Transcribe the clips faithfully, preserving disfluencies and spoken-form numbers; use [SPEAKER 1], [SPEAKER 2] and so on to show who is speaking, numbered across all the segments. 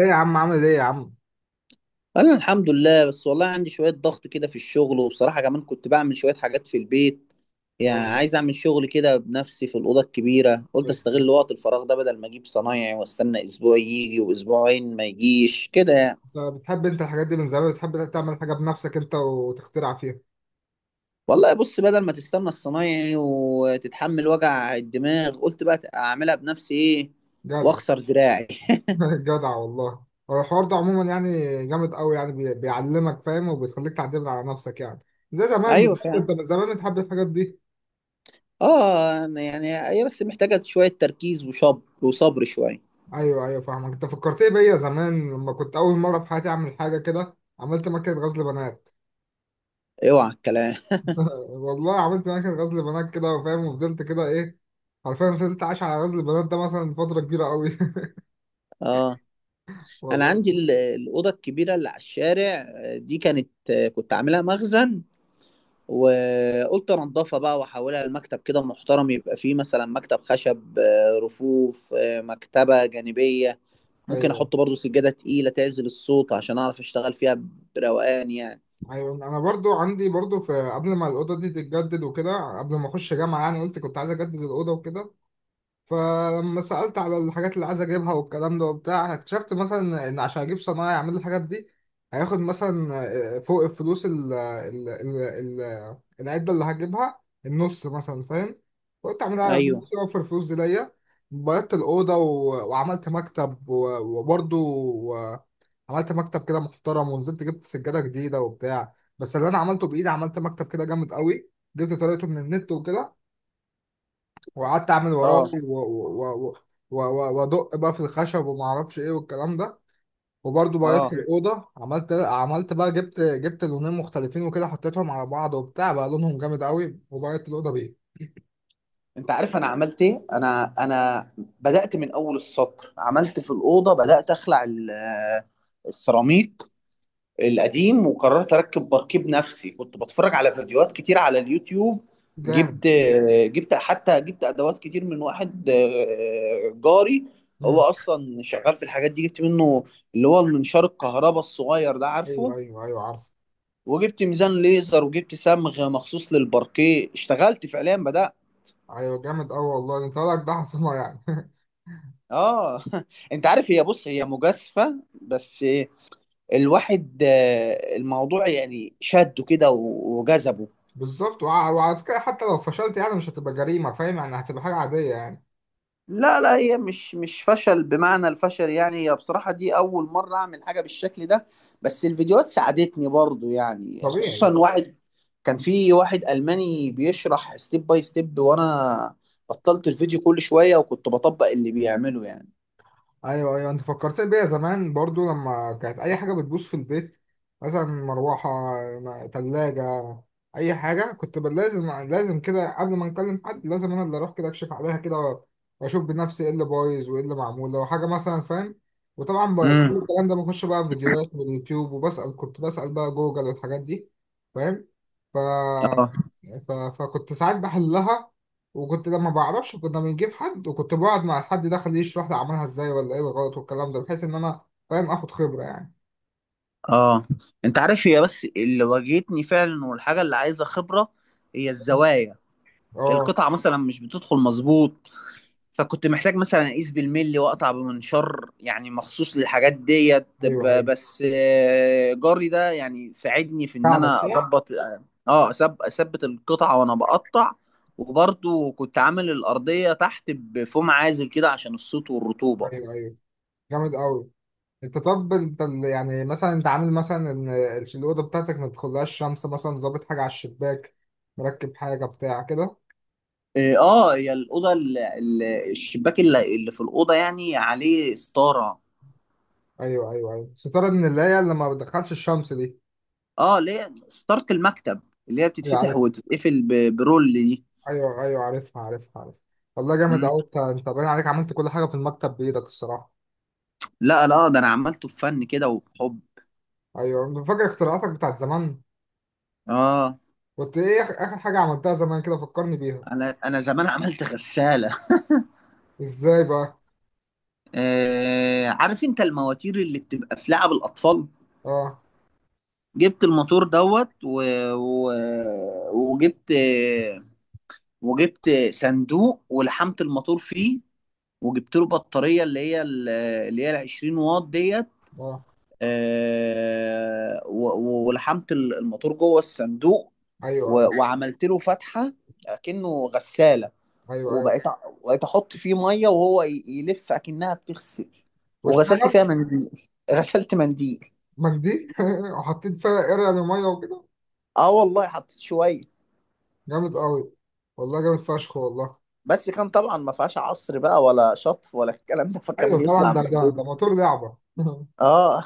[SPEAKER 1] ايه يا عم، عامل ايه يا عم؟
[SPEAKER 2] انا الحمد لله، بس والله عندي شوية ضغط كده في الشغل، وبصراحة كمان كنت بعمل شوية حاجات في البيت. يعني
[SPEAKER 1] آه،
[SPEAKER 2] عايز اعمل شغل كده بنفسي في الأوضة الكبيرة، قلت
[SPEAKER 1] طيب.
[SPEAKER 2] استغل وقت الفراغ ده بدل ما اجيب صنايعي واستنى اسبوع يجي واسبوعين ما يجيش كده يعني.
[SPEAKER 1] انت بتحب انت الحاجات دي من زمان، بتحب تعمل حاجه بنفسك انت وتخترع فيها.
[SPEAKER 2] والله بص، بدل ما تستنى الصنايعي وتتحمل وجع الدماغ قلت بقى اعملها بنفسي ايه
[SPEAKER 1] جدع.
[SPEAKER 2] واكسر دراعي
[SPEAKER 1] جدع والله. هو الحوار ده عموما يعني جامد قوي، يعني بي- بيعلمك فاهم، وبيخليك تعتمد على نفسك يعني. زي زمان
[SPEAKER 2] ايوه
[SPEAKER 1] بالظبط،
[SPEAKER 2] فعلا.
[SPEAKER 1] انت من زمان بتحب الحاجات دي.
[SPEAKER 2] اه، يعني هي بس محتاجة شوية تركيز وشب وصبر شوية.
[SPEAKER 1] ايوه ايوه فاهمك. انت فكرتني بيا زمان لما كنت اول مره في حياتي اعمل حاجه كده، عملت مكنه غزل بنات.
[SPEAKER 2] اوعى الكلام.
[SPEAKER 1] والله عملت مكنه غزل بنات كده، وفاهم وفضلت كده ايه، عارفين، فضلت عايش على غزل البنات ده مثلا فتره كبيره قوي.
[SPEAKER 2] اه، انا
[SPEAKER 1] والله.
[SPEAKER 2] عندي ال- الاوضه الكبيره اللي على الشارع، آه، دي كانت، آه، كنت عاملها مخزن. وقلت انضفها بقى واحولها لمكتب كده محترم، يبقى فيه مثلا مكتب خشب، آه، رفوف، آه، مكتبه جانبيه. ممكن
[SPEAKER 1] ايوه
[SPEAKER 2] احط برضو سجاده تقيله تعزل الصوت عشان اعرف اشتغل فيها بروقان يعني.
[SPEAKER 1] ايوه، انا برضو عندي برضو، في قبل ما الاوضه دي تتجدد وكده، قبل ما اخش جامعه يعني، قلت كنت عايز اجدد الاوضه وكده. فلما سالت على الحاجات اللي عايز اجيبها والكلام ده وبتاع، اكتشفت مثلا ان عشان اجيب صنايعي يعمل لي الحاجات دي، هياخد مثلا، آه، فوق الفلوس ال ال ال ال العده اللي هجيبها النص مثلا، فاهم. قلت اعملها على
[SPEAKER 2] ايوه،
[SPEAKER 1] نفسي، اوفر الفلوس دي ليا. بيضت الاوضه و- وعملت مكتب، و- وبرضو عملت مكتب كده محترم، ونزلت جبت سجادة جديدة وبتاع، بس اللي انا عملته بايدي، عملت مكتب كده جامد قوي، جبت طريقته من النت وكده، وقعدت اعمل وراه
[SPEAKER 2] اه،
[SPEAKER 1] و- و- و- و- و- وادق بقى في الخشب وما اعرفش ايه والكلام ده. وبرضه بيضت
[SPEAKER 2] اه،
[SPEAKER 1] الاوضه، عملت عملت بقى، جبت جبت لونين مختلفين وكده، حطيتهم على بعض وبتاع بقى لونهم جامد قوي، وبيضت الاوضه بيه.
[SPEAKER 2] انت عارف انا عملت ايه؟ انا انا بدات من اول السطر، عملت في الاوضه، بدات اخلع ال- السيراميك القديم، وقررت اركب بركيب نفسي، كنت بتفرج على فيديوهات كتير على اليوتيوب.
[SPEAKER 1] جامد.
[SPEAKER 2] جبت جبت حتى جبت ادوات كتير من واحد، آه، جاري، هو
[SPEAKER 1] امم.
[SPEAKER 2] اصلا شغال في الحاجات دي. جبت منه اللي هو المنشار الكهرباء الصغير ده،
[SPEAKER 1] ايوه
[SPEAKER 2] عارفه؟
[SPEAKER 1] ايوه ايوه عارف.
[SPEAKER 2] وجبت ميزان ليزر، وجبت صمغ مخصوص للباركيه، اشتغلت فعليا بدأت.
[SPEAKER 1] ايوه جامد قوي والله، انت لك ده حصنه يعني.
[SPEAKER 2] اه انت عارف، هي بص، هي مجازفة بس. الواحد آه، الموضوع يعني شده كده وجذبه.
[SPEAKER 1] بالظبط، وع- وعلى فكرة، حتى لو فشلت يعني مش هتبقى جريمة، فاهم يعني، هتبقى حاجة عادية يعني.
[SPEAKER 2] لا، لا، هي مش مش فشل بمعنى الفشل يعني. هي بصراحة دي أول مرة أعمل حاجة بالشكل ده. بس الفيديوهات ساعدتني برضو يعني،
[SPEAKER 1] طبيعي.
[SPEAKER 2] خصوصا واحد. كان في واحد ألماني بيشرح ستيب باي ستيب، وأنا بطلت الفيديو كل شوية وكنت بطبق اللي بيعمله يعني.
[SPEAKER 1] ايوه ايوه، انت فكرتني بيا زمان برضو، لما كانت اي حاجه بتبوظ في البيت، مثلا مروحه، م- تلاجة، اي حاجه، كنت بل- لازم لازم كده قبل ما نكلم حد، لازم انا اللي اروح كده اكشف عليها كده واشوف بنفسي ايه اللي بايظ وايه اللي معمول لو حاجه مثلا، فاهم. وطبعا ب- كل
[SPEAKER 2] امم،
[SPEAKER 1] الكلام ده بخش بقى في فيديوهات واليوتيوب وبسال، كنت بسال بقى جوجل والحاجات دي، فاهم. ف...
[SPEAKER 2] اه،
[SPEAKER 1] ف... فكنت ساعات بحلها، وكنت لما بعرفش كنا بنجيب حد، وكنت بقعد مع الحد ده خليه يشرح لي عملها ازاي ولا ايه الغلط والكلام ده، بحيث ان انا فاهم اخد خبرة يعني.
[SPEAKER 2] اه، انت عارف هي بس اللي واجهتني فعلا، والحاجة اللي عايزة خبرة هي الزوايا.
[SPEAKER 1] اه.
[SPEAKER 2] القطعة مثلا مش بتدخل مظبوط، فكنت محتاج مثلا اقيس بالملي واقطع بمنشار يعني مخصوص للحاجات ديت،
[SPEAKER 1] ايوه
[SPEAKER 2] ب-
[SPEAKER 1] ايوه،
[SPEAKER 2] بس آه، جاري ده يعني ساعدني في ان
[SPEAKER 1] ساعدك
[SPEAKER 2] انا
[SPEAKER 1] صح؟
[SPEAKER 2] اظبط. اه، أثب- اثبت القطعه وانا بقطع. وبرضو كنت عامل الارضيه تحت بفوم عازل كده عشان الصوت والرطوبه.
[SPEAKER 1] ايوه ايوه جامد قوي. انت طب، انت ال- يعني مثلا، انت عامل مثلا ان ال- الاوضه بتاعتك ما تدخلهاش شمس مثلا، ظابط حاجه على الشباك، مركب حاجه بتاع كده؟
[SPEAKER 2] اه، آه، هي الاوضه، ال- ال- الشباك اللي اللي في الاوضه يعني عليه ستاره.
[SPEAKER 1] ايوه ايوه ايوه، ستاره من اللي هي اللي ما بتدخلش الشمس دي.
[SPEAKER 2] اه، ليه ستاره المكتب اللي هي
[SPEAKER 1] ايوه
[SPEAKER 2] بتتفتح
[SPEAKER 1] عارف،
[SPEAKER 2] وتتقفل ب- برول دي.
[SPEAKER 1] ايوه ايوه عارفها عارفها عارفها. والله جامد قوي، انت انت باين عليك عملت كل حاجه في المكتب بايدك الصراحه.
[SPEAKER 2] لا، لا، آه، ده انا عملته بفن كده وبحب.
[SPEAKER 1] ايوه، فاكر اختراعاتك بتاعت زمان؟
[SPEAKER 2] اه،
[SPEAKER 1] كنت ايه آخ- اخر حاجه عملتها زمان كده، فكرني بيها.
[SPEAKER 2] انا انا زمان عملت غسالة.
[SPEAKER 1] ازاي بقى؟
[SPEAKER 2] آه عارف انت المواتير اللي بتبقى في لعب الاطفال؟
[SPEAKER 1] اه.
[SPEAKER 2] جبت الموتور دوت و... و... وجبت وجبت صندوق ولحمت الموتور فيه. وجبت له بطارية اللي هي ال- اللي هي ال العشرين واط ديت.
[SPEAKER 1] اه.
[SPEAKER 2] آه، و- و- ولحمت الموتور جوه الصندوق.
[SPEAKER 1] ايوه ايوه
[SPEAKER 2] و- وعملت له فتحة كأنه غسالة.
[SPEAKER 1] ايوه ايوه.
[SPEAKER 2] وبقيت أ- بقيت احط فيه ميه وهو ي- يلف اكنها بتغسل. وغسلت
[SPEAKER 1] واشتغل؟
[SPEAKER 2] فيها منديل غسلت منديل.
[SPEAKER 1] مجدي! وحطيت فيها قرع لميه وكده؟
[SPEAKER 2] اه، والله حطيت شويه.
[SPEAKER 1] جامد قوي والله، جامد فشخ والله.
[SPEAKER 2] بس كان طبعا ما فيهاش عصر بقى ولا شطف ولا الكلام ده، فكان
[SPEAKER 1] ايوه طبعا،
[SPEAKER 2] بيطلع
[SPEAKER 1] ده ده
[SPEAKER 2] مبلول.
[SPEAKER 1] ده موتور لعبه.
[SPEAKER 2] اه،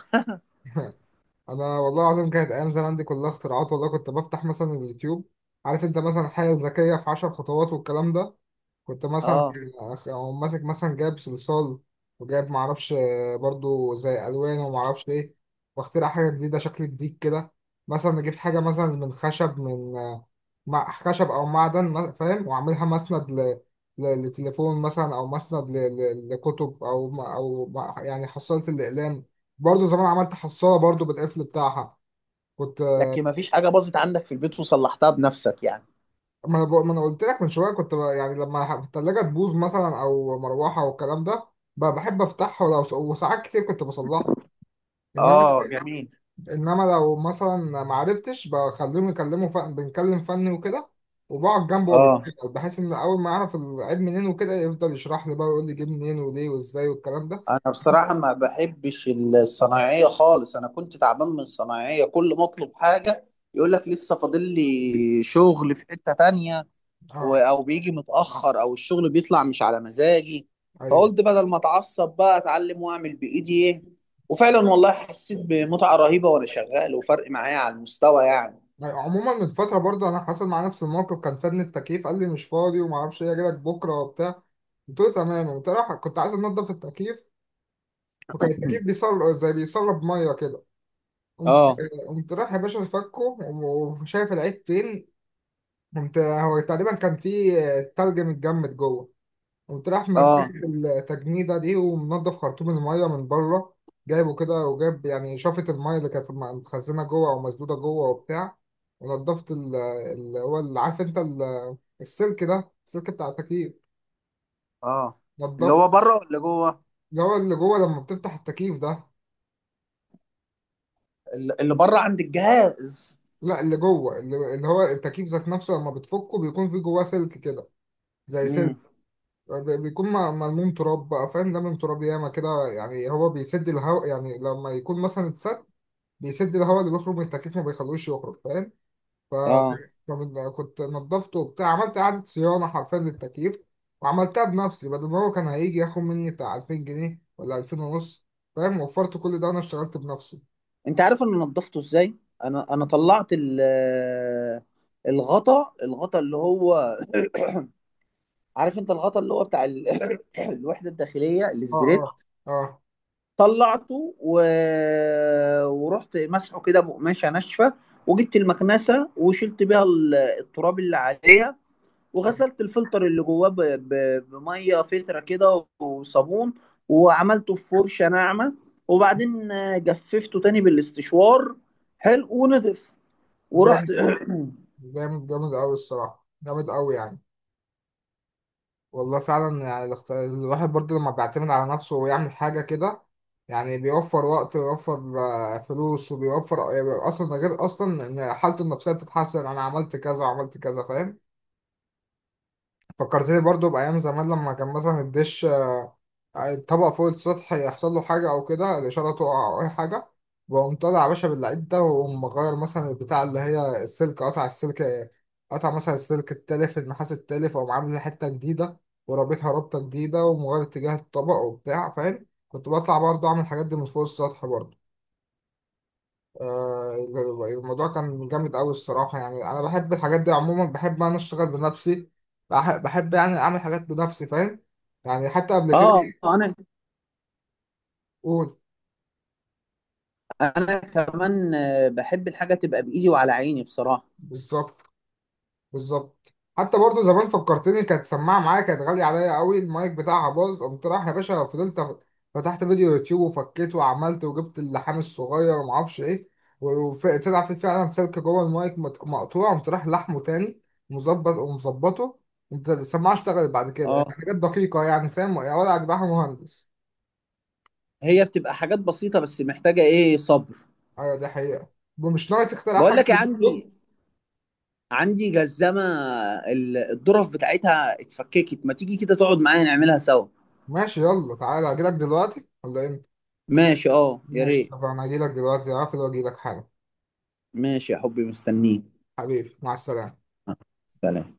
[SPEAKER 1] انا والله العظيم، كانت ايام زمان دي كلها اختراعات والله، كنت بفتح مثلا اليوتيوب، عارف انت، مثلا الحاجه الذكيه في عشر خطوات والكلام ده، كنت مثلا
[SPEAKER 2] اه،
[SPEAKER 1] أقوم ماسك مثلا، جايب صلصال وجايب معرفش، آه، برضو زي ألوان ومعرفش إيه، واخترع حاجة جديدة شكل جديد كده. مثلا نجيب حاجة مثلا من خشب، من آه، مع خشب أو معدن ما- فاهم، وأعملها مسند ل... ل... لتليفون مثلا، أو مسند ل... ل... لكتب، أو ما... أو ما... يعني حصالة الأقلام. برضو زمان عملت حصالة برضو بالقفل بتاعها، كنت.
[SPEAKER 2] لكن ما فيش حاجه باظت عندك في البيت وصلحتها بنفسك يعني؟
[SPEAKER 1] ما انا بق- ما انا قلت لك من شويه، كنت ب- يعني لما ح- التلاجه تبوظ مثلا او مروحه والكلام ده، ب- بحب افتحها، ولو س- وساعات كتير كنت بصلحها. انما
[SPEAKER 2] اه جميل.
[SPEAKER 1] انما لو مثلا ما عرفتش، بخليهم يكلموا فن، بنكلم فني وكده، وبقعد جنبه وهو
[SPEAKER 2] اه،
[SPEAKER 1] بيشتغل، بحيث ان اول ما اعرف العيب منين وكده، يفضل يشرح لي بقى ويقول لي جه منين وليه وازاي والكلام ده.
[SPEAKER 2] انا بصراحه ما بحبش الصنايعيه خالص. انا كنت تعبان من الصنايعيه، كل ما اطلب حاجه يقول لك لسه فاضل لي شغل في حته تانية، و-
[SPEAKER 1] اه.
[SPEAKER 2] او بيجي متاخر، او الشغل بيطلع مش على مزاجي.
[SPEAKER 1] ايوه
[SPEAKER 2] فقلت بدل ما اتعصب بقى اتعلم واعمل بايدي ايه. وفعلا والله حسيت بمتعه رهيبه وانا شغال، وفرق معايا على المستوى يعني.
[SPEAKER 1] عموما، من فتره برضه انا حصل مع نفس الموقف، كان فني التكييف قال لي مش فاضي وما اعرفش ايه، اجي لك بكره وبتاع. قلت له تمام، قمت رايح- كنت عايز انضف التكييف، وكان التكييف بيصل زي بيصلب ميه كده. قمت
[SPEAKER 2] اه،
[SPEAKER 1] قمت رايح يا باشا فكه وشايف العيب فين. قمت هو تقريبا كان في تلج متجمد جوه، قمت رايح مفك
[SPEAKER 2] اه،
[SPEAKER 1] التجميدة دي، ومنضف خرطوم الميه من بره، جايبه كده، وجايب يعني شفط الميه اللي كانت متخزنه جوه او مسدوده جوه وبتاع. ونضفت ال- اللي هو اللي عارف انت، ال- السلك ده، السلك بتاع التكييف،
[SPEAKER 2] اه، اللي
[SPEAKER 1] نضفت.
[SPEAKER 2] هو بره ولا جوه؟
[SPEAKER 1] اللي هو اللي جوه لما بتفتح التكييف ده.
[SPEAKER 2] ال- اللي بره عند الجهاز.
[SPEAKER 1] لا، اللي جوه، اللي, اللي هو التكييف ذات نفسه لما بتفكه، بيكون في جواه سلك كده، زي سلك،
[SPEAKER 2] امم.
[SPEAKER 1] ب- بيكون م- ملموم تراب بقى فاهم، لمم تراب ياما كده يعني، هو بيسد الهواء يعني، لما يكون مثلا اتسد، بيسد الهواء اللي بيخرج من التكييف، ما بيخلوش يخرج، فاهم.
[SPEAKER 2] اه،
[SPEAKER 1] فكنت نضفته وبتاع، عملت إعادة صيانة حرفيا للتكييف، وعملتها بنفسي، بدل ما هو كان هيجي ياخد مني بتاع ألفين جنيه ولا ألفين ونص، فاهم. وفرت كل ده، وانا اشتغلت بنفسي.
[SPEAKER 2] انت عارف انا نضفته ازاي؟ انا انا طلعت ال الغطا الغطا اللي هو، عارف انت الغطا اللي هو بتاع ال- الوحده الداخليه
[SPEAKER 1] اه. اه.
[SPEAKER 2] السبريت.
[SPEAKER 1] اه
[SPEAKER 2] طلعته و... ورحت مسحه كده بقماشه ناشفه. وجبت المكنسه وشلت بيها ال- التراب اللي عليها. وغسلت الفلتر اللي جواه ب... ب... بميه فلتره كده وصابون. وعملته في فرشه ناعمه، وبعدين جففته تاني بالاستشوار، حلو ونضف. ورحت
[SPEAKER 1] جامد، جامد جامد قوي الصراحة، جامد قوي يعني. والله فعلا يعني، الاخت- الواحد برضه لما بيعتمد على نفسه ويعمل حاجة كده، يعني بيوفر وقت، ويوفر آه، فلوس، وبيوفر آه، يعني، اصلا ده غير اصلا ان حالته النفسية بتتحسن، انا عملت كذا وعملت كذا، فاهم. فكرتني برضه بأيام زمان، لما كان مثلا الدش الطبق فوق السطح يحصل له حاجة أو كده، الإشارة تقع أو أي حاجة، وأقوم طالع يا باشا باللعيب ده، وأقوم مغير مثلا البتاع اللي هي السلك، قطع السلك، قطع مثلا السلك التالف النحاس التالف، وأقوم عامل حتة جديدة ورابطها رابطة جديدة، ومغير اتجاه الطبق وبتاع، فاهم، كنت بطلع برضه أعمل الحاجات دي من فوق السطح برضه. آه، الموضوع كان جامد أوي الصراحة يعني، أنا بحب الحاجات دي عموما، بحب أنا أشتغل بنفسي، بح- بحب يعني أعمل حاجات بنفسي، فاهم، يعني حتى قبل كده.
[SPEAKER 2] اه، انا
[SPEAKER 1] قول.
[SPEAKER 2] انا كمان آه، بحب الحاجه تبقى بايدي وعلى عيني بصراحه.
[SPEAKER 1] بالظبط بالظبط، حتى برضو زمان فكرتني، كانت سماعه معايا كانت غاليه عليا قوي، المايك بتاعها باظ، قمت رايح يا باشا فضلت أخ- فتحت فيديو يوتيوب وفكيت وعملت وجبت اللحام الصغير وما اعرفش ايه، وطلع في فعلا سلك جوه المايك مت- مقطوع، قمت رايح لحمه تاني، مظبط ومظبطه، قمت السماعه اشتغلت بعد كده، يعني
[SPEAKER 2] اه،
[SPEAKER 1] حاجات دقيقه يعني، فاهم يا ولا اجدعها مهندس.
[SPEAKER 2] هي بتبقى حاجات بسيطه بس محتاجه ايه صبر.
[SPEAKER 1] ايوه دي حقيقه. ومش ناوي تخترع
[SPEAKER 2] بقول
[SPEAKER 1] حاجه
[SPEAKER 2] لك إيه،
[SPEAKER 1] من دول؟
[SPEAKER 2] عندي عندي جزمة ال- الظرف بتاعتها اتفككت، ما تيجي كده تقعد معايا نعملها سوا؟
[SPEAKER 1] ماشي، يلا تعالى، اجيلك دلوقتي ولا امتى؟
[SPEAKER 2] ماشي اه، يا
[SPEAKER 1] ماشي،
[SPEAKER 2] ريت.
[SPEAKER 1] طب انا اجيلك دلوقتي، اقفل واجيلك حالا.
[SPEAKER 2] ماشي يا حبي مستنيك.
[SPEAKER 1] حبيبي، مع السلامة.
[SPEAKER 2] سلام.